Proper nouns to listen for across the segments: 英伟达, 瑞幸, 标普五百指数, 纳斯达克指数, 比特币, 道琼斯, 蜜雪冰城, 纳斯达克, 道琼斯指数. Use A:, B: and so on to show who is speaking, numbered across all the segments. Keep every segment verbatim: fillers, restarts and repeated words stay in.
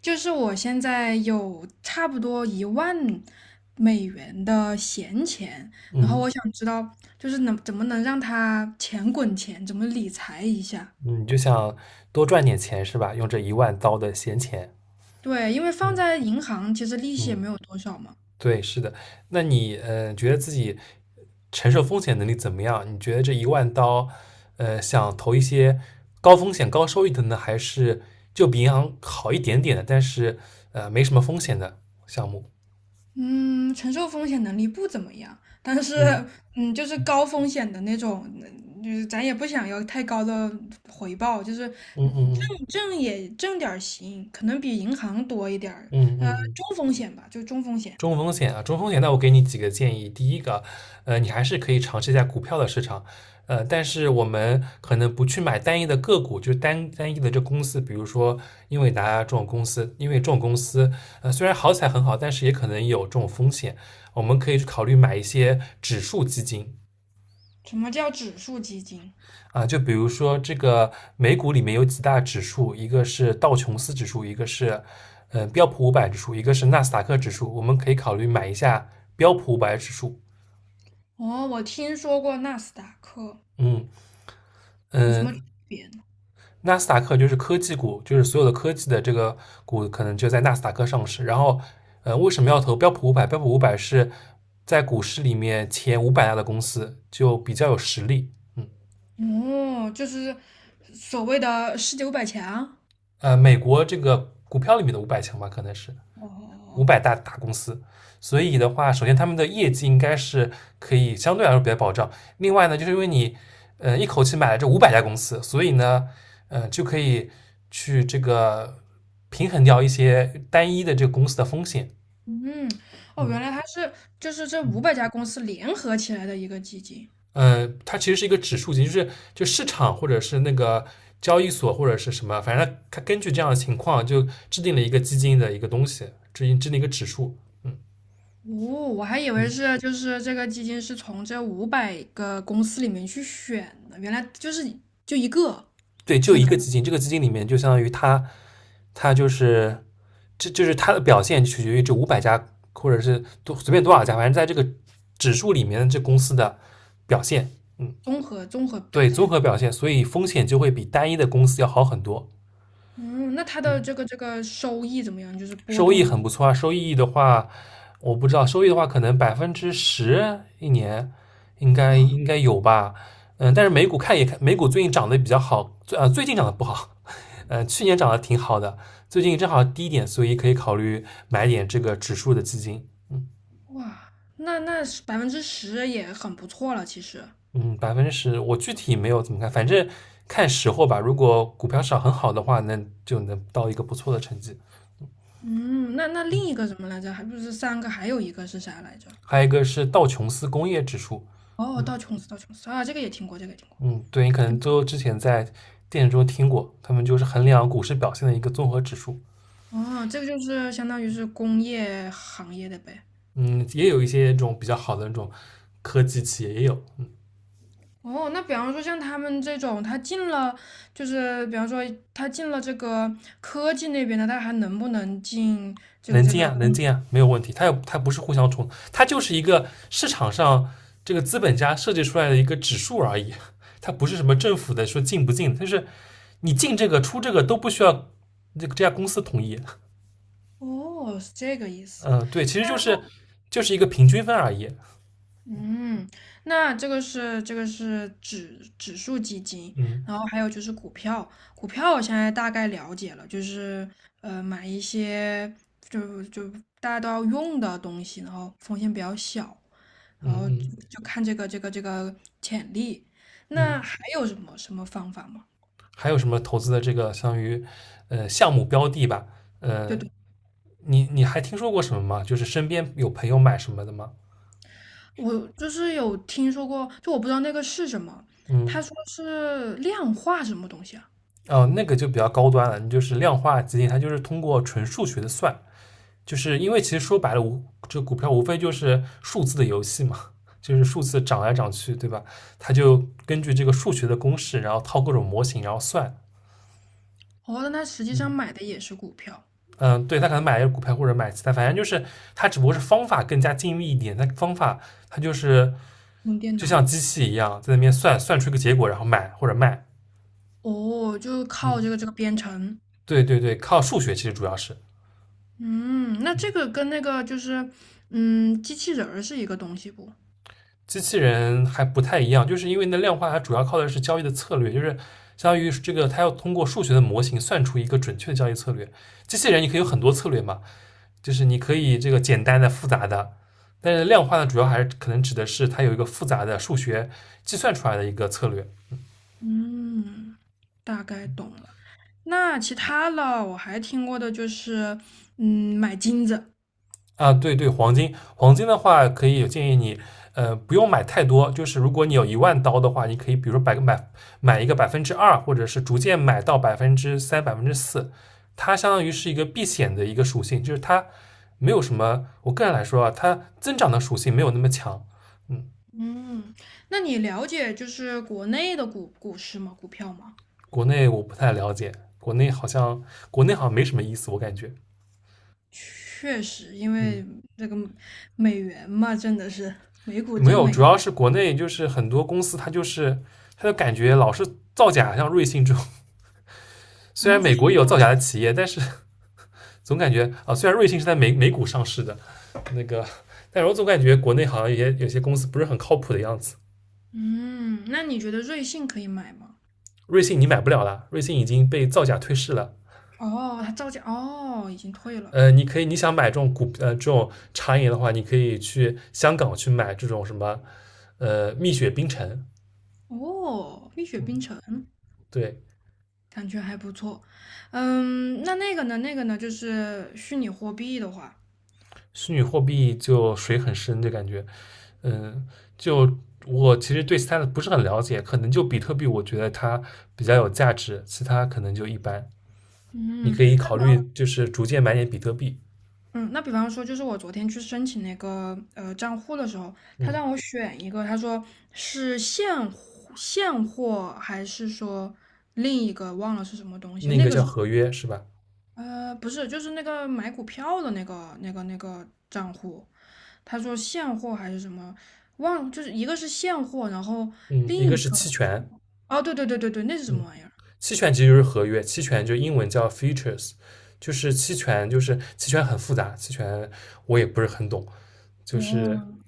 A: 就是我现在有差不多一万美元的闲钱，然后
B: 嗯
A: 我想知道，就是能怎么能让它钱滚钱，怎么理财一下？
B: 嗯，就想多赚点钱是吧？用这一万刀的闲钱。
A: 对，因为放
B: 嗯
A: 在银行其实利息也
B: 嗯，
A: 没有多少嘛。
B: 对，是的。那你呃，觉得自己承受风险能力怎么样？你觉得这一万刀，呃，想投一些高风险高收益的呢，还是就比银行好一点点的，但是呃没什么风险的项目？
A: 嗯，承受风险能力不怎么样，但是
B: 嗯
A: 嗯，就是高风险的那种，嗯就是咱也不想要太高的回报，就是
B: 嗯
A: 嗯
B: 嗯
A: 挣挣也挣点儿行，可能比银行多一点儿，
B: 嗯嗯
A: 呃，
B: 嗯嗯。
A: 中风险吧，就中风险。
B: 中风险啊，中风险，那我给你几个建议。第一个，呃，你还是可以尝试一下股票的市场，呃，但是我们可能不去买单一的个股，就是单单一的这公司，比如说英伟达这种公司，因为这种公司，呃，虽然好起来很好，但是也可能有这种风险。我们可以去考虑买一些指数基金。
A: 什么叫指数基金？
B: 啊，就比如说这个美股里面有几大指数，一个是道琼斯指数，一个是呃标普五百指数，一个是纳斯达克指数，我们可以考虑买一下标普五百指数。
A: 哦，我听说过纳斯达克，
B: 嗯
A: 有什么区
B: 嗯，
A: 别呢？
B: 纳斯达克就是科技股，就是所有的科技的这个股可能就在纳斯达克上市。然后，呃，为什么要投标普五百？标普五百是在股市里面前五百大的公司，就比较有实力。嗯，
A: 哦，就是所谓的世界五百强。
B: 呃，美国这个股票里面的五百强吧，可能是。五
A: 哦，
B: 百大大公司，所以的话，首先他们的业绩应该是可以相对来说比较保障。另外呢，就是因为你，呃，一口气买了这五百家公司，所以呢，呃，就可以去这个平衡掉一些单一的这个公司的风险。
A: 嗯，哦，原
B: 嗯
A: 来它是就是这
B: 嗯，
A: 五百家公司联合起来的一个基金。
B: 呃，它其实是一个指数级，就是就市场或者是那个交易所或者是什么，反正它根据这样的情况就制定了一个基金的一个东西，制定制定一个指数。嗯
A: 哦，我还以为
B: 嗯。
A: 是就是这个基金是从这五百个公司里面去选的，原来就是就一个，
B: 对，就
A: 相
B: 一
A: 当于
B: 个基金，这个基金里面就相当于它，它，就是这就是它的表现取决于这五百家或者是多随便多少家，反正在这个指数里面这公司的表现。嗯，
A: 综合综合表
B: 对，综
A: 现。
B: 合表现，所以风险就会比单一的公司要好很多。
A: 嗯，那它的
B: 嗯。
A: 这个这个收益怎么样？就是波
B: 收益
A: 动。
B: 很不错啊。收益的话，我不知道，收益的话可能百分之十一年应该
A: 哇。
B: 应该有吧。嗯，但是美股看也看，美股最近涨得比较好，最呃最近涨得不好，呃去年涨得挺好的，最近正好低一点，所以可以考虑买点这个指数的基金。嗯
A: 哇，那那百分之十也很不错了，其实。
B: 嗯，百分之十，我具体没有怎么看，反正看时候吧。如果股票市场很好的话，那就能到一个不错的成绩。
A: 嗯，那那另一个什么来着？还不是三个，还有一个是啥来着？
B: 还有一个是道琼斯工业指数。
A: 哦，
B: 嗯。
A: 道琼斯，道琼斯啊，这个也听过，这个也听过。
B: 嗯，对，你可
A: 就
B: 能
A: 是
B: 都之前在电影中听过，他们就是衡量股市表现的一个综合指数。
A: 哦，这个就是相当于是工业行业的呗。
B: 嗯，也有一些这种比较好的那种科技企业也有。嗯。
A: 哦，那比方说像他们这种，他进了，就是比方说他进了这个科技那边的，他还能不能进这个
B: 能
A: 这
B: 进
A: 个
B: 啊，能
A: 工？
B: 进啊，没有问题。它又它不是互相冲，它就是一个市场上这个资本家设计出来的一个指数而已，它不是什么政府的说进不进，就是你进这个出这个都不需要这个这家公司同意。
A: 哦，是这个意思。
B: 嗯，对，其实就是就是一个平均分而已。
A: 嗯，那这个是这个是指指数基金，
B: 嗯
A: 然后还有就是股票，股票我现在大概了解了，就是呃买一些就就大家都要用的东西，然后风险比较小，然
B: 嗯
A: 后就
B: 嗯
A: 就看这个这个这个潜力。
B: 嗯。
A: 那还有什么什么方法吗？
B: 还有什么投资的这个相当于呃项目标的吧？
A: 对
B: 呃，
A: 对，
B: 你你还听说过什么吗？就是身边有朋友买什么的吗？
A: 我就是有听说过，就我不知道那个是什么，他
B: 嗯。
A: 说是量化什么东西啊？
B: 哦，那个就比较高端了，你就是量化基金，它就是通过纯数学的算，就是因为其实说白了，无这股票无非就是数字的游戏嘛。就是数字涨来涨去，对吧？它就根据这个数学的公式，然后套各种模型，然后算。
A: 哦，那他实际上
B: 嗯。
A: 买的也是股票，
B: 嗯，对他可能买一个股票或者买其他，反正就是他只不过是方法更加精密一点。他方法他就是
A: 用电
B: 就
A: 脑。
B: 像机器一样在那边算算出一个结果，然后买或者卖。
A: 哦，就
B: 嗯，
A: 靠这个这个编程，
B: 对对对，靠数学其实主要是。
A: 嗯，那这
B: 嗯。
A: 个跟那个就是，嗯，机器人儿是一个东西不？
B: 机器人还不太一样，就是因为那量化它主要靠的是交易的策略，就是相当于这个它要通过数学的模型算出一个准确的交易策略。机器人你可以有很多策略嘛，就是你可以这个简单的、复杂的，但是量化呢，主要还是可能指的是它有一个复杂的数学计算出来的一个策略。
A: 嗯，大概懂了。那其他的我还听过的就是，嗯，买金子。
B: 啊。对对，黄金，黄金的话可以有建议你，呃，不用买太多，就是如果你有一万刀的话，你可以比如说百个买买一个百分之二，或者是逐渐买到百分之三、百分之四，它相当于是一个避险的一个属性，就是它没有什么，我个人来说啊，它增长的属性没有那么强。嗯。
A: 嗯，那你了解就是国内的股股市吗？股票吗？
B: 国内我不太了解，国内好像国内好像没什么意思，我感觉。
A: 确实，因
B: 嗯，
A: 为这个美元嘛，真的是美股
B: 没
A: 真
B: 有，主
A: 美。
B: 要是国内就是很多公司它就是它就感觉老是造假，像瑞幸这种。虽
A: 然
B: 然
A: 后
B: 美
A: 最
B: 国也
A: 近
B: 有
A: 造，
B: 造假的企业，但是 总感觉啊，虽然瑞幸是在美美股上市的，那个，但是我总感觉国内好像有些有些公司不是很靠谱的样子。
A: 嗯，那你觉得瑞幸可以买吗？
B: 瑞幸你买不了了，瑞幸已经被造假退市了。
A: 哦，他造假，哦，已经退了。
B: 呃，你可以你想买这种股呃这种茶饮的话，你可以去香港去买这种什么呃蜜雪冰城。
A: 哦，《蜜雪冰
B: 嗯，
A: 城》
B: 对。
A: 感觉还不错。嗯，那那个呢？那个呢？就是虚拟货币的话，
B: 虚拟货币就水很深的感觉。嗯，就我其实对其他的不是很了解，可能就比特币，我觉得它比较有价值，其他可能就一般。你
A: 嗯
B: 可以考虑就是逐渐买点比特币。
A: 嗯，那比方说，就是我昨天去申请那个呃账户的时候，他
B: 嗯，
A: 让我选一个，他说是现货现货还是说另一个忘了是什么东西？
B: 那
A: 那
B: 个
A: 个是。
B: 叫合约是吧？
A: 呃，不是，就是那个买股票的那个那个那个账户，他说现货还是什么，忘了，就是一个是现货，然后
B: 嗯，一
A: 另
B: 个
A: 一
B: 是
A: 个，
B: 期权。
A: 哦，对对对对对，那是什
B: 嗯，
A: 么玩意儿？
B: 期权其实就是合约，期权就英文叫 futures，就是期权，就是期权很复杂，期权我也不是很懂，就是
A: 哦，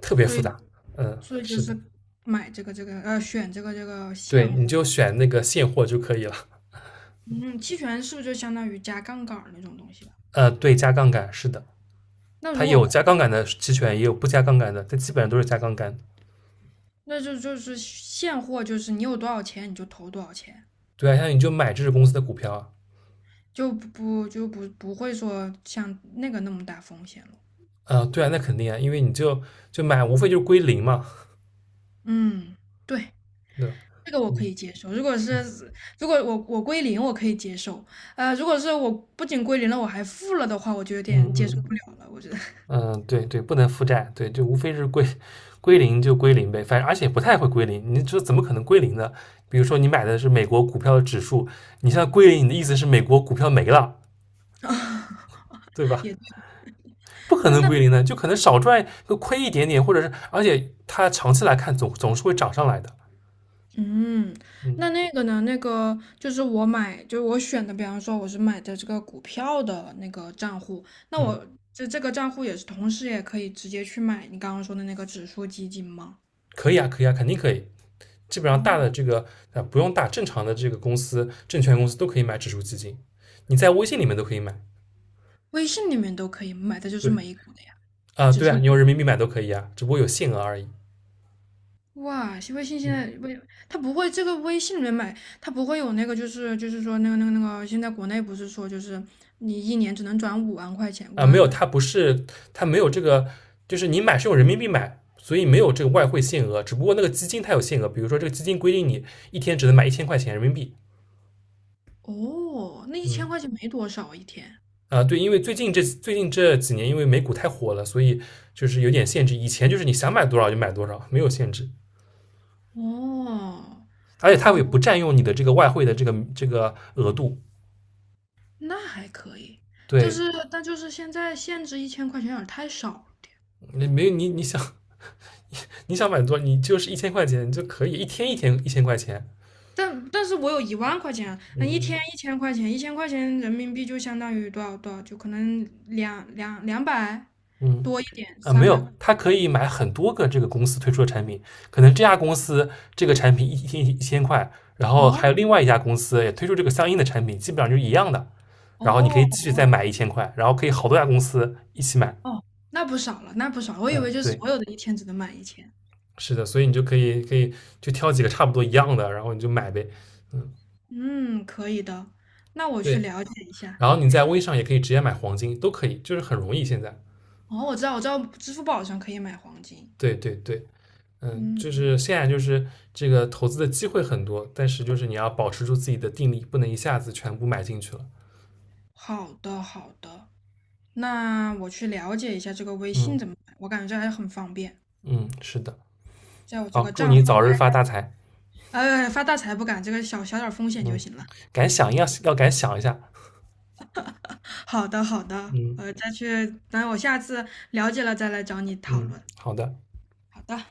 B: 特别
A: 所
B: 复
A: 以
B: 杂。嗯，
A: 所以就
B: 是
A: 是
B: 的。
A: 买这个这个呃，选这个这个现
B: 对，你
A: 货，
B: 就选那个现货就可以了。
A: 嗯，期权是不是就相当于加杠杆儿那种东西啊？
B: 呃，对，加杠杆是的，
A: 那
B: 它
A: 如果
B: 有
A: 空
B: 加杠杆的期权，也有不加杠杆的，但基本上都是加杠杆。
A: 那就就是现货，就是你有多少钱你就投多少钱，
B: 对啊，像你就买这只公司的股票啊。
A: 就不就不不会说像那个那么大风险了。
B: 啊、对啊，那肯定啊，因为你就就买，无非就是归零嘛。
A: 嗯，对。
B: 对吧。
A: 这个我可
B: 嗯
A: 以接受，如果是如果我我归零，我可以接受。呃，如果是我不仅归零了，我还负了的话，我就有
B: 嗯
A: 点接
B: 嗯
A: 受不
B: 嗯
A: 了了。我觉得
B: 嗯，嗯，对对，不能负债，对，就无非是归归零就归零呗，反正而且不太会归零，你这怎么可能归零呢？比如说你买的是美国股票的指数，你现在归零，你的意思是美国股票没了，
A: 啊
B: 对吧？
A: 也对
B: 不可
A: 那
B: 能
A: 那
B: 归零的，就可能少赚就亏一点点，或者是，而且它长期来看总总是会涨上来的。
A: 嗯，
B: 嗯
A: 那那个呢？那个就是我买，就是我选的，比方说我是买的这个股票的那个账户，那
B: 嗯，
A: 我这这个账户也是同时也可以直接去买你刚刚说的那个指数基金吗？
B: 可以啊，可以啊，肯定可以。基本上大
A: 哦，
B: 的这个呃不用大，正常的这个公司、证券公司都可以买指数基金，你在微信里面都可以买。
A: 微信里面都可以买的就是
B: 对
A: 美股的呀，
B: 啊、呃
A: 指
B: 对
A: 数。
B: 啊，你用人民币买都可以啊，只不过有限额而已。
A: 哇，微信现
B: 嗯
A: 在微，它不会这个微信里面买，它不会有那个，就是就是说那个那个那个，现在国内不是说就是你一年只能转五万块钱，五
B: 啊、呃没有，
A: 万。
B: 它不是它没有这个，就是你买是用人民币买，所以没有这个外汇限额，只不过那个基金它有限额，比如说这个基金规定你一天只能买一千块钱人民币。
A: 哦，那一千
B: 嗯。
A: 块钱没多少一天。
B: 啊，对，因为最近这最近这几年，因为美股太火了，所以就是有点限制。以前就是你想买多少就买多少，没有限制，
A: 哦
B: 而且它也
A: 哦，
B: 不占用你的这个外汇的这个这个额度。
A: 那还可以，就
B: 对，
A: 是但就是现在限制一千块钱有点太少了。
B: 你没有你你想你想买多，少，你就是一千块钱就可以一天一天一千块钱。
A: 但但是我有一万块钱啊，那一天
B: 嗯
A: 一千块钱，一千块钱人民币就相当于多少多少，就可能两两两百
B: 嗯。
A: 多一点，
B: 啊，没
A: 三百块。
B: 有，它可以买很多个这个公司推出的产品，可能这家公司这个产品一天一千块，然后还有
A: 哦
B: 另外一家公司也推出这个相应的产品，基本上就是一样的。然后你可以
A: 哦。
B: 继续再
A: 哦
B: 买一千块，然后可以好多家公司一起买。
A: 哦，那不少了，那不少了，我以
B: 嗯，
A: 为就
B: 对，
A: 所有的一天只能满一千。
B: 是的，所以你就可以可以就挑几个差不多一样的，然后你就买呗。嗯，
A: 嗯，可以的，那我去
B: 对，
A: 了解一下。
B: 然后你在微商也可以直接买黄金，都可以，就是很容易现在。
A: 哦，我知道，我知道，支付宝上可以买黄金。
B: 对对对。嗯，
A: 嗯，
B: 就是现在就是这个投资的机会很多，但是就是你要保持住自己的定力，不能一下子全部买进去了。
A: 好的，好的，那我去了解一下这个微信
B: 嗯
A: 怎么买，我感觉这还是很方便，
B: 嗯，是的。
A: 在我这
B: 好，
A: 个
B: 祝
A: 账
B: 你
A: 号
B: 早
A: 开，
B: 日发大财。
A: 呃，发大财不敢，这个小小点儿风险就
B: 嗯，
A: 行了。
B: 敢想一要要敢想一下。
A: 好的，好的，
B: 嗯
A: 呃，再去，等我下次了解了再来找你讨
B: 嗯，
A: 论。
B: 好的。
A: 好的。